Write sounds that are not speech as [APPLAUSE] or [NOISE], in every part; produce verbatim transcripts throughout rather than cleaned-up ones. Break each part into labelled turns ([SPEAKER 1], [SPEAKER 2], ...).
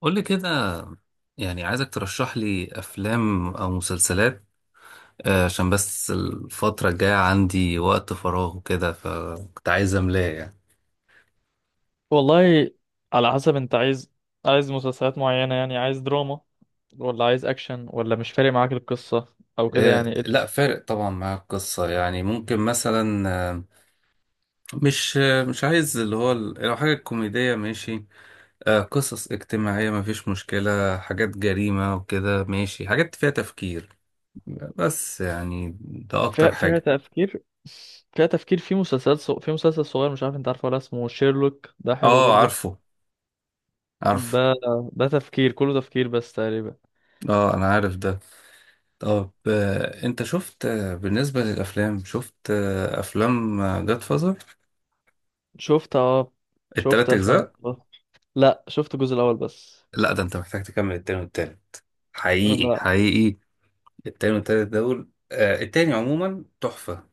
[SPEAKER 1] قول لي كده. يعني عايزك ترشح لي افلام او مسلسلات. آه، عشان بس الفترة الجاية عندي وقت فراغ وكده، فكنت عايز املاه يعني.
[SPEAKER 2] والله، على حسب انت عايز. عايز مسلسلات معينة يعني، عايز دراما ولا عايز اكشن، ولا مش فارق معاك القصة او كده
[SPEAKER 1] آه،
[SPEAKER 2] يعني؟
[SPEAKER 1] لا، فارق طبعا مع القصة، يعني ممكن مثلا آه، مش آه، مش عايز اللي هو ال- لو حاجة كوميدية ماشي. آه، قصص اجتماعية مفيش مشكلة، حاجات جريمة وكده ماشي، حاجات فيها تفكير، بس يعني ده
[SPEAKER 2] فيها
[SPEAKER 1] اكتر
[SPEAKER 2] فيها
[SPEAKER 1] حاجة.
[SPEAKER 2] تفكير. فيها تفكير، في مسلسلات صغ... في مسلسل صغير، مش عارف انت عارفه ولا، اسمه شيرلوك، ده حلو
[SPEAKER 1] اه
[SPEAKER 2] برضو.
[SPEAKER 1] عارفه عارفه.
[SPEAKER 2] ده، ده تفكير، كله تفكير بس تقريبا.
[SPEAKER 1] اه انا عارف ده. طب آه، انت شفت، آه، بالنسبة للأفلام، شفت آه، أفلام جاد فازر؟
[SPEAKER 2] شفت، اه شفت
[SPEAKER 1] التلات
[SPEAKER 2] افلام
[SPEAKER 1] أجزاء؟
[SPEAKER 2] كتير. لا، شفت الجزء الاول بس.
[SPEAKER 1] لا ده انت محتاج تكمل التاني والتالت، حقيقي
[SPEAKER 2] لا.
[SPEAKER 1] حقيقي. التاني والتالت دول، آه، التاني عموما تحفة،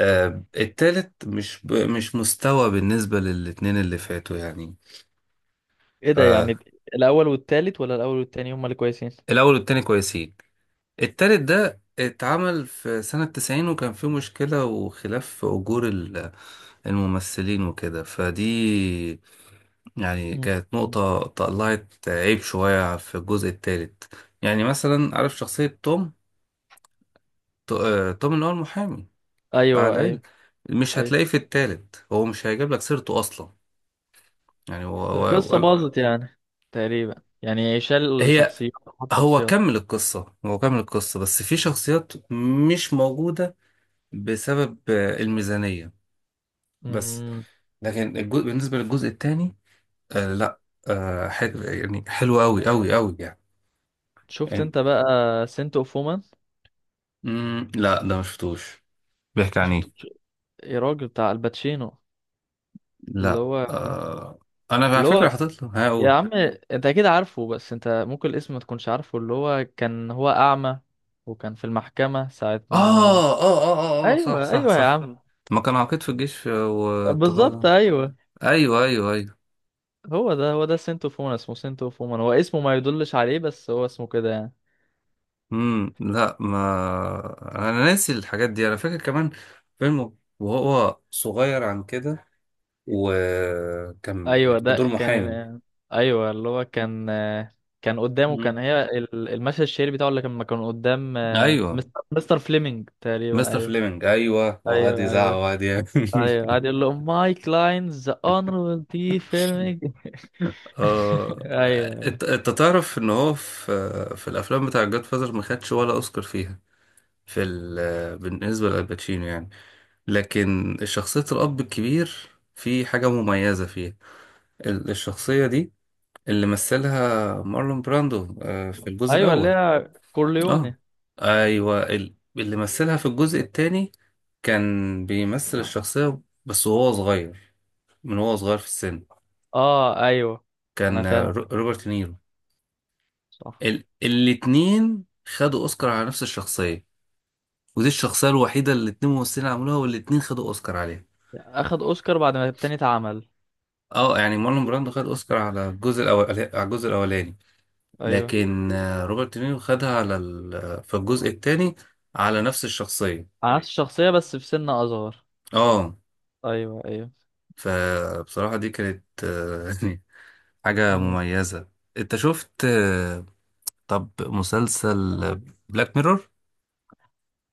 [SPEAKER 1] آه، التالت مش ب... مش مستوى بالنسبة للاتنين اللي فاتوا يعني.
[SPEAKER 2] ايه ده
[SPEAKER 1] فالأول
[SPEAKER 2] يعني؟ الاول والتالت ولا الاول والتاني هما اللي كويسين؟
[SPEAKER 1] والتاني كويسين. التالت ده اتعمل في سنة تسعين، وكان فيه مشكلة وخلاف في أجور الممثلين وكده، فدي يعني
[SPEAKER 2] مم.
[SPEAKER 1] كانت نقطة طلعت عيب شوية في الجزء التالت. يعني مثلا عارف شخصية توم؟ تو- آه، توم اللي هو المحامي بتاع
[SPEAKER 2] ايوه
[SPEAKER 1] العيلة،
[SPEAKER 2] ايوه
[SPEAKER 1] مش
[SPEAKER 2] ايوه.
[SPEAKER 1] هتلاقيه في التالت، هو مش هيجيب لك سيرته أصلا. يعني هو هو-
[SPEAKER 2] القصة
[SPEAKER 1] هو-
[SPEAKER 2] باظت يعني، تقريبا يعني، شال
[SPEAKER 1] هي
[SPEAKER 2] شخصيات، حط
[SPEAKER 1] هو
[SPEAKER 2] شخصيات.
[SPEAKER 1] كمل القصة هو كمل القصة بس في شخصيات مش موجودة بسبب آه، الميزانية بس.
[SPEAKER 2] مم.
[SPEAKER 1] لكن الجزء، بالنسبة للجزء التاني، آه لا، آه حلو يعني، حلو قوي قوي قوي يعني.
[SPEAKER 2] شفت
[SPEAKER 1] يعني
[SPEAKER 2] انت بقى سنت اوف وومن؟
[SPEAKER 1] مم لا ده ما شفتوش، بيحكي
[SPEAKER 2] ما
[SPEAKER 1] عن ايه؟
[SPEAKER 2] شفتوش؟ يا راجل، بتاع الباتشينو، اللي
[SPEAKER 1] لا،
[SPEAKER 2] هو،
[SPEAKER 1] آه انا على
[SPEAKER 2] اللي
[SPEAKER 1] فكره
[SPEAKER 2] هو،
[SPEAKER 1] حاطط له،
[SPEAKER 2] يا
[SPEAKER 1] هقول.
[SPEAKER 2] عم انت اكيد عارفه، بس انت ممكن الاسم ما تكونش عارفه. اللي هو كان هو اعمى، وكان في المحكمة ساعة
[SPEAKER 1] آه,
[SPEAKER 2] ما.
[SPEAKER 1] اه اه اه اه صح
[SPEAKER 2] ايوه
[SPEAKER 1] صح
[SPEAKER 2] ايوه يا
[SPEAKER 1] صح.
[SPEAKER 2] عم.
[SPEAKER 1] ما كان عقيد في الجيش
[SPEAKER 2] بالظبط
[SPEAKER 1] والتقاضى.
[SPEAKER 2] ايوه.
[SPEAKER 1] ايوه ايوه ايوه.
[SPEAKER 2] هو ده، هو ده سنت اوف وومن، اسمه سنت اوف وومن. هو اسمه ما يدلش عليه، بس هو اسمه كده يعني.
[SPEAKER 1] امم لا، ما انا ناسي الحاجات دي، انا فاكر كمان فيلم وهو صغير عن كده، وكان
[SPEAKER 2] ايوه
[SPEAKER 1] في
[SPEAKER 2] ده
[SPEAKER 1] دور
[SPEAKER 2] كان.
[SPEAKER 1] محامي.
[SPEAKER 2] ايوه، اللي هو كان، كان قدامه كان
[SPEAKER 1] امم،
[SPEAKER 2] هي ال- المشهد الشهير بتاعه، اللي كان كان قدام آه،
[SPEAKER 1] ايوه،
[SPEAKER 2] مستر مستر فليمنج تقريبا.
[SPEAKER 1] مستر
[SPEAKER 2] ايوه
[SPEAKER 1] فليمنج ايوه، وقعد
[SPEAKER 2] ايوه
[SPEAKER 1] يزعق
[SPEAKER 2] ايوه
[SPEAKER 1] وقعد يعمل
[SPEAKER 2] ايوه.
[SPEAKER 1] [LAUGHS]
[SPEAKER 2] قاعد يقول له: ماي كلاينز ذا اونربل دي فيلمينج. [LAUGHS]
[SPEAKER 1] اه
[SPEAKER 2] ايوه ايوه.
[SPEAKER 1] انت انت تعرف ان هو في في الافلام بتاع جاد فازر ما خدش ولا اوسكار فيها، في ال... بالنسبه لالباتشينو يعني. لكن شخصيه الاب الكبير في حاجه مميزه فيها، ال- الشخصيه دي اللي مثلها مارلون براندو آه، في الجزء
[SPEAKER 2] ايوه، اللي
[SPEAKER 1] الاول.
[SPEAKER 2] هي
[SPEAKER 1] اه
[SPEAKER 2] كورليوني.
[SPEAKER 1] ايوه، ال- اللي مثلها في الجزء الثاني كان بيمثل الشخصيه بس وهو صغير، من وهو صغير في السن،
[SPEAKER 2] اه ايوه، انا
[SPEAKER 1] كان آه،
[SPEAKER 2] فاهم.
[SPEAKER 1] رو- روبرت نيرو.
[SPEAKER 2] صح.
[SPEAKER 1] ال... الاتنين خدوا اوسكار على نفس الشخصيه، ودي الشخصيه الوحيده اللي الاتنين ممثلين عملوها والاتنين خدوا اوسكار عليها.
[SPEAKER 2] اخد اوسكار بعد ما التاني اتعمل.
[SPEAKER 1] اه يعني مارلون براندو خد اوسكار على الجزء الاول، على الجزء الاولاني.
[SPEAKER 2] ايوه.
[SPEAKER 1] لكن آه، روبرت نيرو خدها على ال... في الجزء الثاني على نفس الشخصيه.
[SPEAKER 2] على نفس الشخصيه، بس في سن اصغر.
[SPEAKER 1] اه.
[SPEAKER 2] ايوه ايوه.
[SPEAKER 1] فبصراحه دي كانت آه، [LAUGHS] حاجه مميزه. انت شفت، آه، طب مسلسل بلاك ميرور؟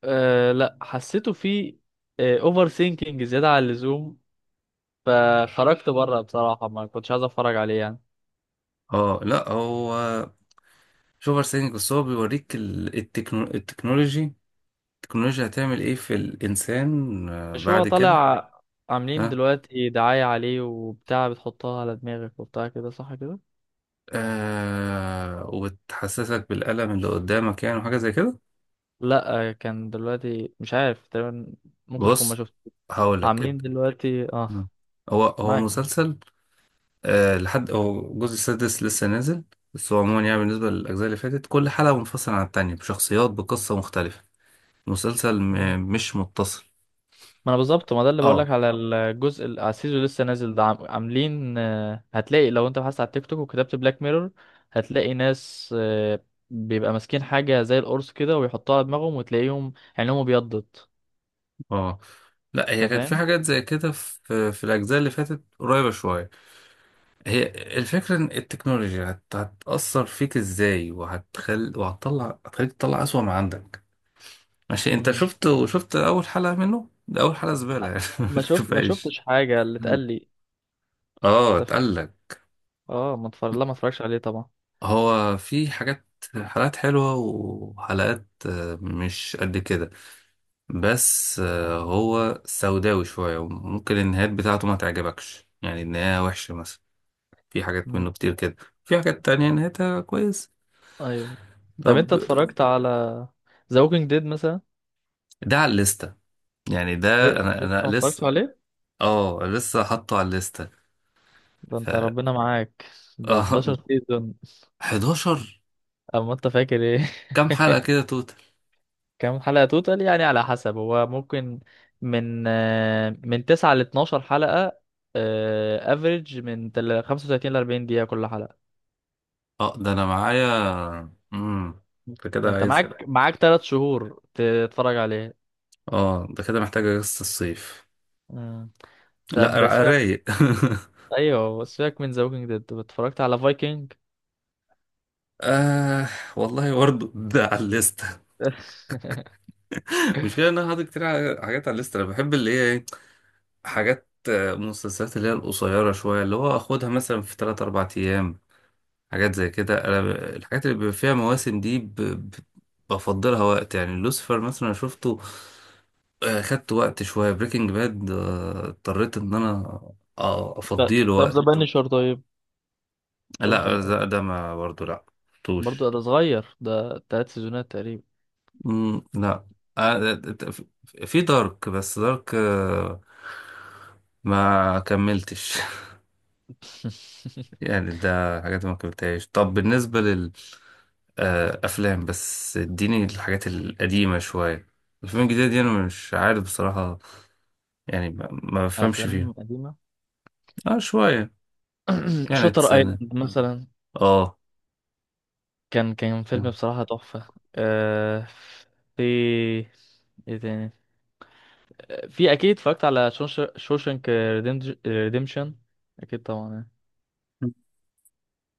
[SPEAKER 2] أه لا، حسيته فيه اوفر ثينكينج، زياده عن اللزوم، فخرجت بره. بصراحه ما كنتش عايز اتفرج عليه يعني.
[SPEAKER 1] اه لا، هو مش اوفر سينج، بس هو بيوريك ال- التكنو... التكنولوجي، التكنولوجيا هتعمل ايه في الانسان آه،
[SPEAKER 2] مش هو
[SPEAKER 1] بعد كده.
[SPEAKER 2] طالع عاملين
[SPEAKER 1] ها
[SPEAKER 2] دلوقتي دعايه عليه وبتاع، بتحطها على دماغك وبتاع كده، صح كده؟
[SPEAKER 1] آه وتحسسك بالألم اللي قدامك يعني، وحاجة زي كده.
[SPEAKER 2] لا آه، كان دلوقتي، مش عارف تقريبا، ممكن تكون ما
[SPEAKER 1] بص،
[SPEAKER 2] شفت.
[SPEAKER 1] هقولك اب-
[SPEAKER 2] عاملين دلوقتي اه.
[SPEAKER 1] مم. هو هو
[SPEAKER 2] معاك.
[SPEAKER 1] مسلسل آه لحد هو الجزء السادس لسه نازل. بس هو عموما يعني بالنسبة للأجزاء اللي فاتت، كل حلقة منفصلة عن التانية بشخصيات، بقصة مختلفة. مسلسل م... مش متصل.
[SPEAKER 2] ما انا بالظبط، ما ده اللي بقولك،
[SPEAKER 1] اه
[SPEAKER 2] على الجزء ال- على السيزون اللي لسه نازل ده. عم- عاملين آه، هتلاقي، لو انت بحثت على التيك توك وكتبت بلاك ميرور، هتلاقي ناس آه، بيبقى ماسكين حاجة زي القرص كده، ويحطوها على دماغهم، وتلاقيهم عينهم ابيضت.
[SPEAKER 1] اه لا، هي
[SPEAKER 2] انت
[SPEAKER 1] كانت في
[SPEAKER 2] فاهم.
[SPEAKER 1] حاجات زي كده في في الاجزاء اللي فاتت، قريبه شويه. هي الفكره ان التكنولوجيا هت- هتاثر فيك ازاي، وهتخل وهتطلع هتخليك تطلع اسوأ ما عندك. ماشي، انت
[SPEAKER 2] مم.
[SPEAKER 1] شفت، شفت اول حلقه منه، ده اول حلقه زباله يعني [LAUGHS]
[SPEAKER 2] ما
[SPEAKER 1] مش
[SPEAKER 2] شوف ما
[SPEAKER 1] كفايش.
[SPEAKER 2] شفتش حاجة، اللي اتقال لي.
[SPEAKER 1] اه،
[SPEAKER 2] أنت
[SPEAKER 1] اتقال
[SPEAKER 2] ف-
[SPEAKER 1] لك.
[SPEAKER 2] اه، ما اتفرج لا، ما اتفرجش عليه طبعا.
[SPEAKER 1] هو في حاجات، حلقات حلوة وحلقات آه، مش قد كده، بس آه، هو سوداوي شوية، وممكن النهايات بتاعته ما تعجبكش، يعني النهاية وحشة مثلا، في حاجات
[SPEAKER 2] مم.
[SPEAKER 1] منه كتير كده، في حاجات تانية نهايتها كويس.
[SPEAKER 2] ايوه. طب
[SPEAKER 1] طب،
[SPEAKER 2] انت اتفرجت على ذا ووكينج ديد مثلا؟
[SPEAKER 1] ده على الليستة، يعني ده
[SPEAKER 2] إيه؟
[SPEAKER 1] انا
[SPEAKER 2] لسه
[SPEAKER 1] انا
[SPEAKER 2] ما اتفرجتش
[SPEAKER 1] لسه.
[SPEAKER 2] عليه؟
[SPEAKER 1] اه، لسه حاطه على الليستة.
[SPEAKER 2] ده
[SPEAKER 1] ف
[SPEAKER 2] انت
[SPEAKER 1] اه
[SPEAKER 2] ربنا معاك، ده حداشر سيزون.
[SPEAKER 1] [LAUGHS] حداشر!
[SPEAKER 2] اما انت فاكر ايه؟
[SPEAKER 1] كام
[SPEAKER 2] [LAUGHS]
[SPEAKER 1] حلقة كده توتال؟
[SPEAKER 2] كام حلقة توتال، يعني على حسب هو، ممكن من آه، من تسعة ل اتناشر حلقة. افريج من تل- خمسة وتلاتين ل اربعين دقيقة كل حلقة.
[SPEAKER 1] اه، ده انا معايا. امم انت
[SPEAKER 2] ما
[SPEAKER 1] كده
[SPEAKER 2] انت
[SPEAKER 1] عايز.
[SPEAKER 2] معاك معاك تلاتة شهور تتفرج عليه.
[SPEAKER 1] اه، ده كده محتاجة قصة الصيف.
[SPEAKER 2] مم.
[SPEAKER 1] لا،
[SPEAKER 2] طب
[SPEAKER 1] را-
[SPEAKER 2] سيبك،
[SPEAKER 1] رايق [LAUGHS]
[SPEAKER 2] ايوه سيبك من ذا ووكينج ديد. اتفرجت على فايكنج؟
[SPEAKER 1] آه والله برضه ده على الليستة.
[SPEAKER 2] [LAUGHS]
[SPEAKER 1] [LAUGHS] مش كده، انا حاطط كتير حاجات على الليستة. انا بحب اللي هي إيه؟ حاجات آه، مسلسلات، اللي هي القصيرة شوية، اللي هو أخدها مثلا في تلات أربع أيام، حاجات زي كده. أنا ب- الحاجات اللي بيبقى فيها مواسم دي ب... ب... بفضلها وقت، يعني لوسيفر مثلا شفته، آه، خدت وقت شوية. بريكنج باد آه، اضطريت إن أنا آه،
[SPEAKER 2] طب
[SPEAKER 1] أفضيله
[SPEAKER 2] طب ذا
[SPEAKER 1] وقت.
[SPEAKER 2] بانشر طيب؟ تقولش
[SPEAKER 1] لا
[SPEAKER 2] لا؟
[SPEAKER 1] ده, ده ما برضه لا، مشفتوش.
[SPEAKER 2] برضه ده صغير، ده تلات سيزونات تقريبا.
[SPEAKER 1] مم، لا. آه، في دارك، بس دارك آه، ما كملتش [LAUGHS]
[SPEAKER 2] [LAUGHS]
[SPEAKER 1] يعني ده حاجات ما قابلتهاش. طب بالنسبة لل آه، أفلام، بس اديني الحاجات القديمة شوية. الأفلام الجديدة دي أنا مش عارف بصراحة، يعني ما ما بفهمش فيها.
[SPEAKER 2] افلام قديمة.
[SPEAKER 1] اه شوية،
[SPEAKER 2] [CLEARS THROAT]
[SPEAKER 1] يعني
[SPEAKER 2] شاتر
[SPEAKER 1] سنة.
[SPEAKER 2] ايلاند مثلا،
[SPEAKER 1] اه،
[SPEAKER 2] كان كان فيلم بصراحة تحفة. آه، في، ايه تاني، آه، في اكيد، اتفرجت على شوشنك ريديمشن، اكيد طبعا يعني.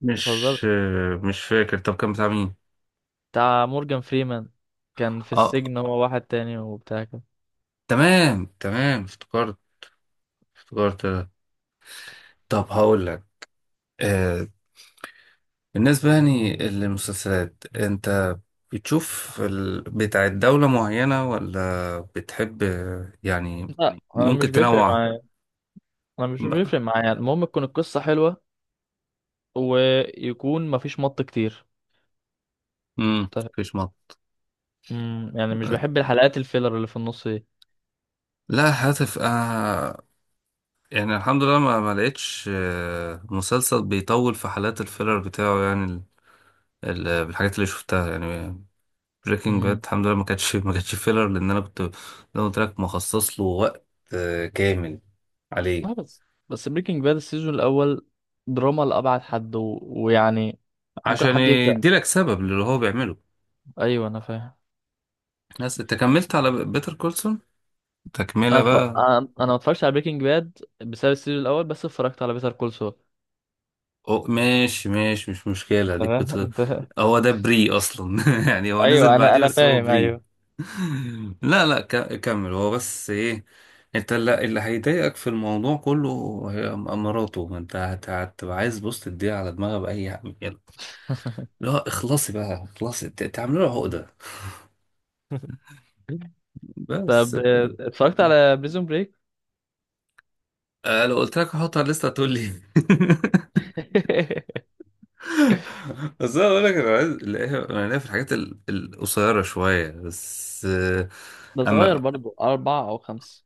[SPEAKER 1] مش
[SPEAKER 2] متهزرش،
[SPEAKER 1] آه، مش فاكر، طب كان بتاع مين؟
[SPEAKER 2] بتاع مورجان فريمان، كان في
[SPEAKER 1] اه،
[SPEAKER 2] السجن هو واحد تاني وبتاع كده.
[SPEAKER 1] تمام تمام، افتكرت افتكرت. طب هقول لك، آه، بالنسبة يعني للمسلسلات، انت بتشوف ال... بتاع دولة معينة، ولا بتحب يعني
[SPEAKER 2] لا، انا مش
[SPEAKER 1] ممكن
[SPEAKER 2] بيفرق
[SPEAKER 1] تنوع؟
[SPEAKER 2] معايا. انا مش بيفرق معايا، المهم تكون القصة حلوة، ويكون مفيش مط كتير.
[SPEAKER 1] امم،
[SPEAKER 2] طب-
[SPEAKER 1] مفيش مط.
[SPEAKER 2] مم، يعني مش بحب الحلقات الفيلر اللي في النص
[SPEAKER 1] لا، هاتف آه يعني الحمد لله ما, ما لقيتش آه، مسلسل بيطول في حالات الفيلر بتاعه يعني، ال... ال... بالحاجات اللي شفتها يعني.
[SPEAKER 2] دي.
[SPEAKER 1] بريكنج باد الحمد لله ما كانتش [LAUGHS] ما كانتش فيلر، لان انا كنت زي ما قلت لك، مخصص له وقت آه، كامل
[SPEAKER 2] اه
[SPEAKER 1] عليه،
[SPEAKER 2] بس، بس بريكنج باد السيزون الاول دراما لأبعد حد، و... ويعني ممكن
[SPEAKER 1] عشان
[SPEAKER 2] حد يزهق.
[SPEAKER 1] يديلك سبب للي هو بيعمله.
[SPEAKER 2] ايوه انا فاهم.
[SPEAKER 1] بس انت كملت على بيتر كولسون، تكملة
[SPEAKER 2] انا ف...
[SPEAKER 1] بقى.
[SPEAKER 2] انا أنا ما اتفرجتش على بريكنج باد بسبب السيزون الاول، بس اتفرجت على بيتر كول سول.
[SPEAKER 1] أو ماشي ماشي، مش
[SPEAKER 2] انت
[SPEAKER 1] مشكلة. ديك
[SPEAKER 2] فاهم؟ [LAUGHS]
[SPEAKER 1] بتر...
[SPEAKER 2] انت،
[SPEAKER 1] هو ده بري أصلا [LAUGHS] يعني هو نزل
[SPEAKER 2] ايوه انا
[SPEAKER 1] بعديه
[SPEAKER 2] انا
[SPEAKER 1] بس هو
[SPEAKER 2] فاهم
[SPEAKER 1] بري.
[SPEAKER 2] ايوه.
[SPEAKER 1] [LAUGHS] لا لا، ك... كمل. هو بس إيه، أنت اللي, اللي هيضايقك في الموضوع كله هي م- مراته. ما أنت هت- هتبقى عايز، بص، تديها على دماغها بأي حاجة. لا اخلصي بقى، اخلصي، ت- تعملوا له عقدة،
[SPEAKER 2] [LAUGHS]
[SPEAKER 1] بس.
[SPEAKER 2] طب آه، اتفرجت على بريزون بريك؟
[SPEAKER 1] آه، لو قلت لك هحطها على الليسته هتقول لي [LAUGHS]
[SPEAKER 2] [LAUGHS]
[SPEAKER 1] بس انا اقول لك، انا عايز الاقيها. انا ليا في الحاجات ال- القصيره شويه بس. آه،
[SPEAKER 2] ده صغير
[SPEAKER 1] اما
[SPEAKER 2] برضو، اربعة او خمسة.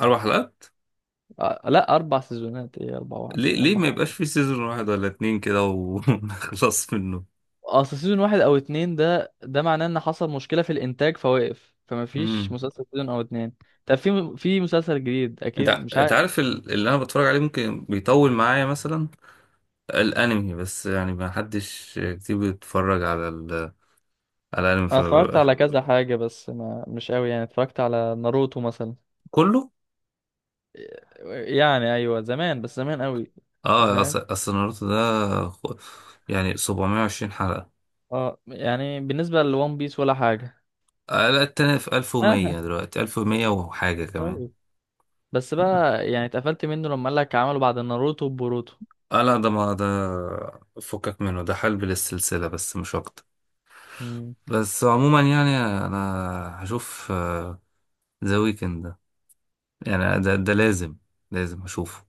[SPEAKER 1] اربع حلقات؟
[SPEAKER 2] آه، لا اربع سيزونات، ايه اربعة، واحد،
[SPEAKER 1] ليه
[SPEAKER 2] ايه
[SPEAKER 1] ليه ما
[SPEAKER 2] اربعة.
[SPEAKER 1] يبقاش في سيزون واحد ولا اتنين كده ونخلص [LAUGHS] منه؟
[SPEAKER 2] اصل سيزون واحد او اتنين، ده ده معناه ان حصل مشكلة في الانتاج فوقف، فما فيش
[SPEAKER 1] امم،
[SPEAKER 2] مسلسل سيزون او اتنين. طب في، في مسلسل جديد
[SPEAKER 1] انت
[SPEAKER 2] اكيد
[SPEAKER 1] ع-
[SPEAKER 2] مش
[SPEAKER 1] انت
[SPEAKER 2] عارف.
[SPEAKER 1] عارف ال- اللي انا بتفرج عليه ممكن بيطول معايا، مثلا الانمي. بس يعني ما حدش كتير بيتفرج على ال... على الانمي،
[SPEAKER 2] انا اتفرجت
[SPEAKER 1] فببقى-
[SPEAKER 2] على كذا حاجة، بس ما مش قوي يعني. اتفرجت على ناروتو مثلا،
[SPEAKER 1] كله.
[SPEAKER 2] يعني ايوه زمان، بس زمان قوي. انت
[SPEAKER 1] اه
[SPEAKER 2] فاهم؟
[SPEAKER 1] أص- اصل ناروتو ده خ- يعني سبعمائة وعشرون حلقه.
[SPEAKER 2] اه يعني بالنسبة لون بيس ولا حاجة.
[SPEAKER 1] آه، لا، التاني في
[SPEAKER 2] [LAUGHS] اه
[SPEAKER 1] الف ومية دلوقتي، الف ومية وحاجه كمان.
[SPEAKER 2] طيب. بس بقى يعني اتقفلت منه، لما قال لك عملوا بعد ناروتو بوروتو.
[SPEAKER 1] اه لا ده، ما ده فكك منه، ده حلب للسلسلة بس مش اكتر. بس عموما يعني انا هشوف آه، ذا ويكند ده، يعني ده ده لازم، لازم هشوفه.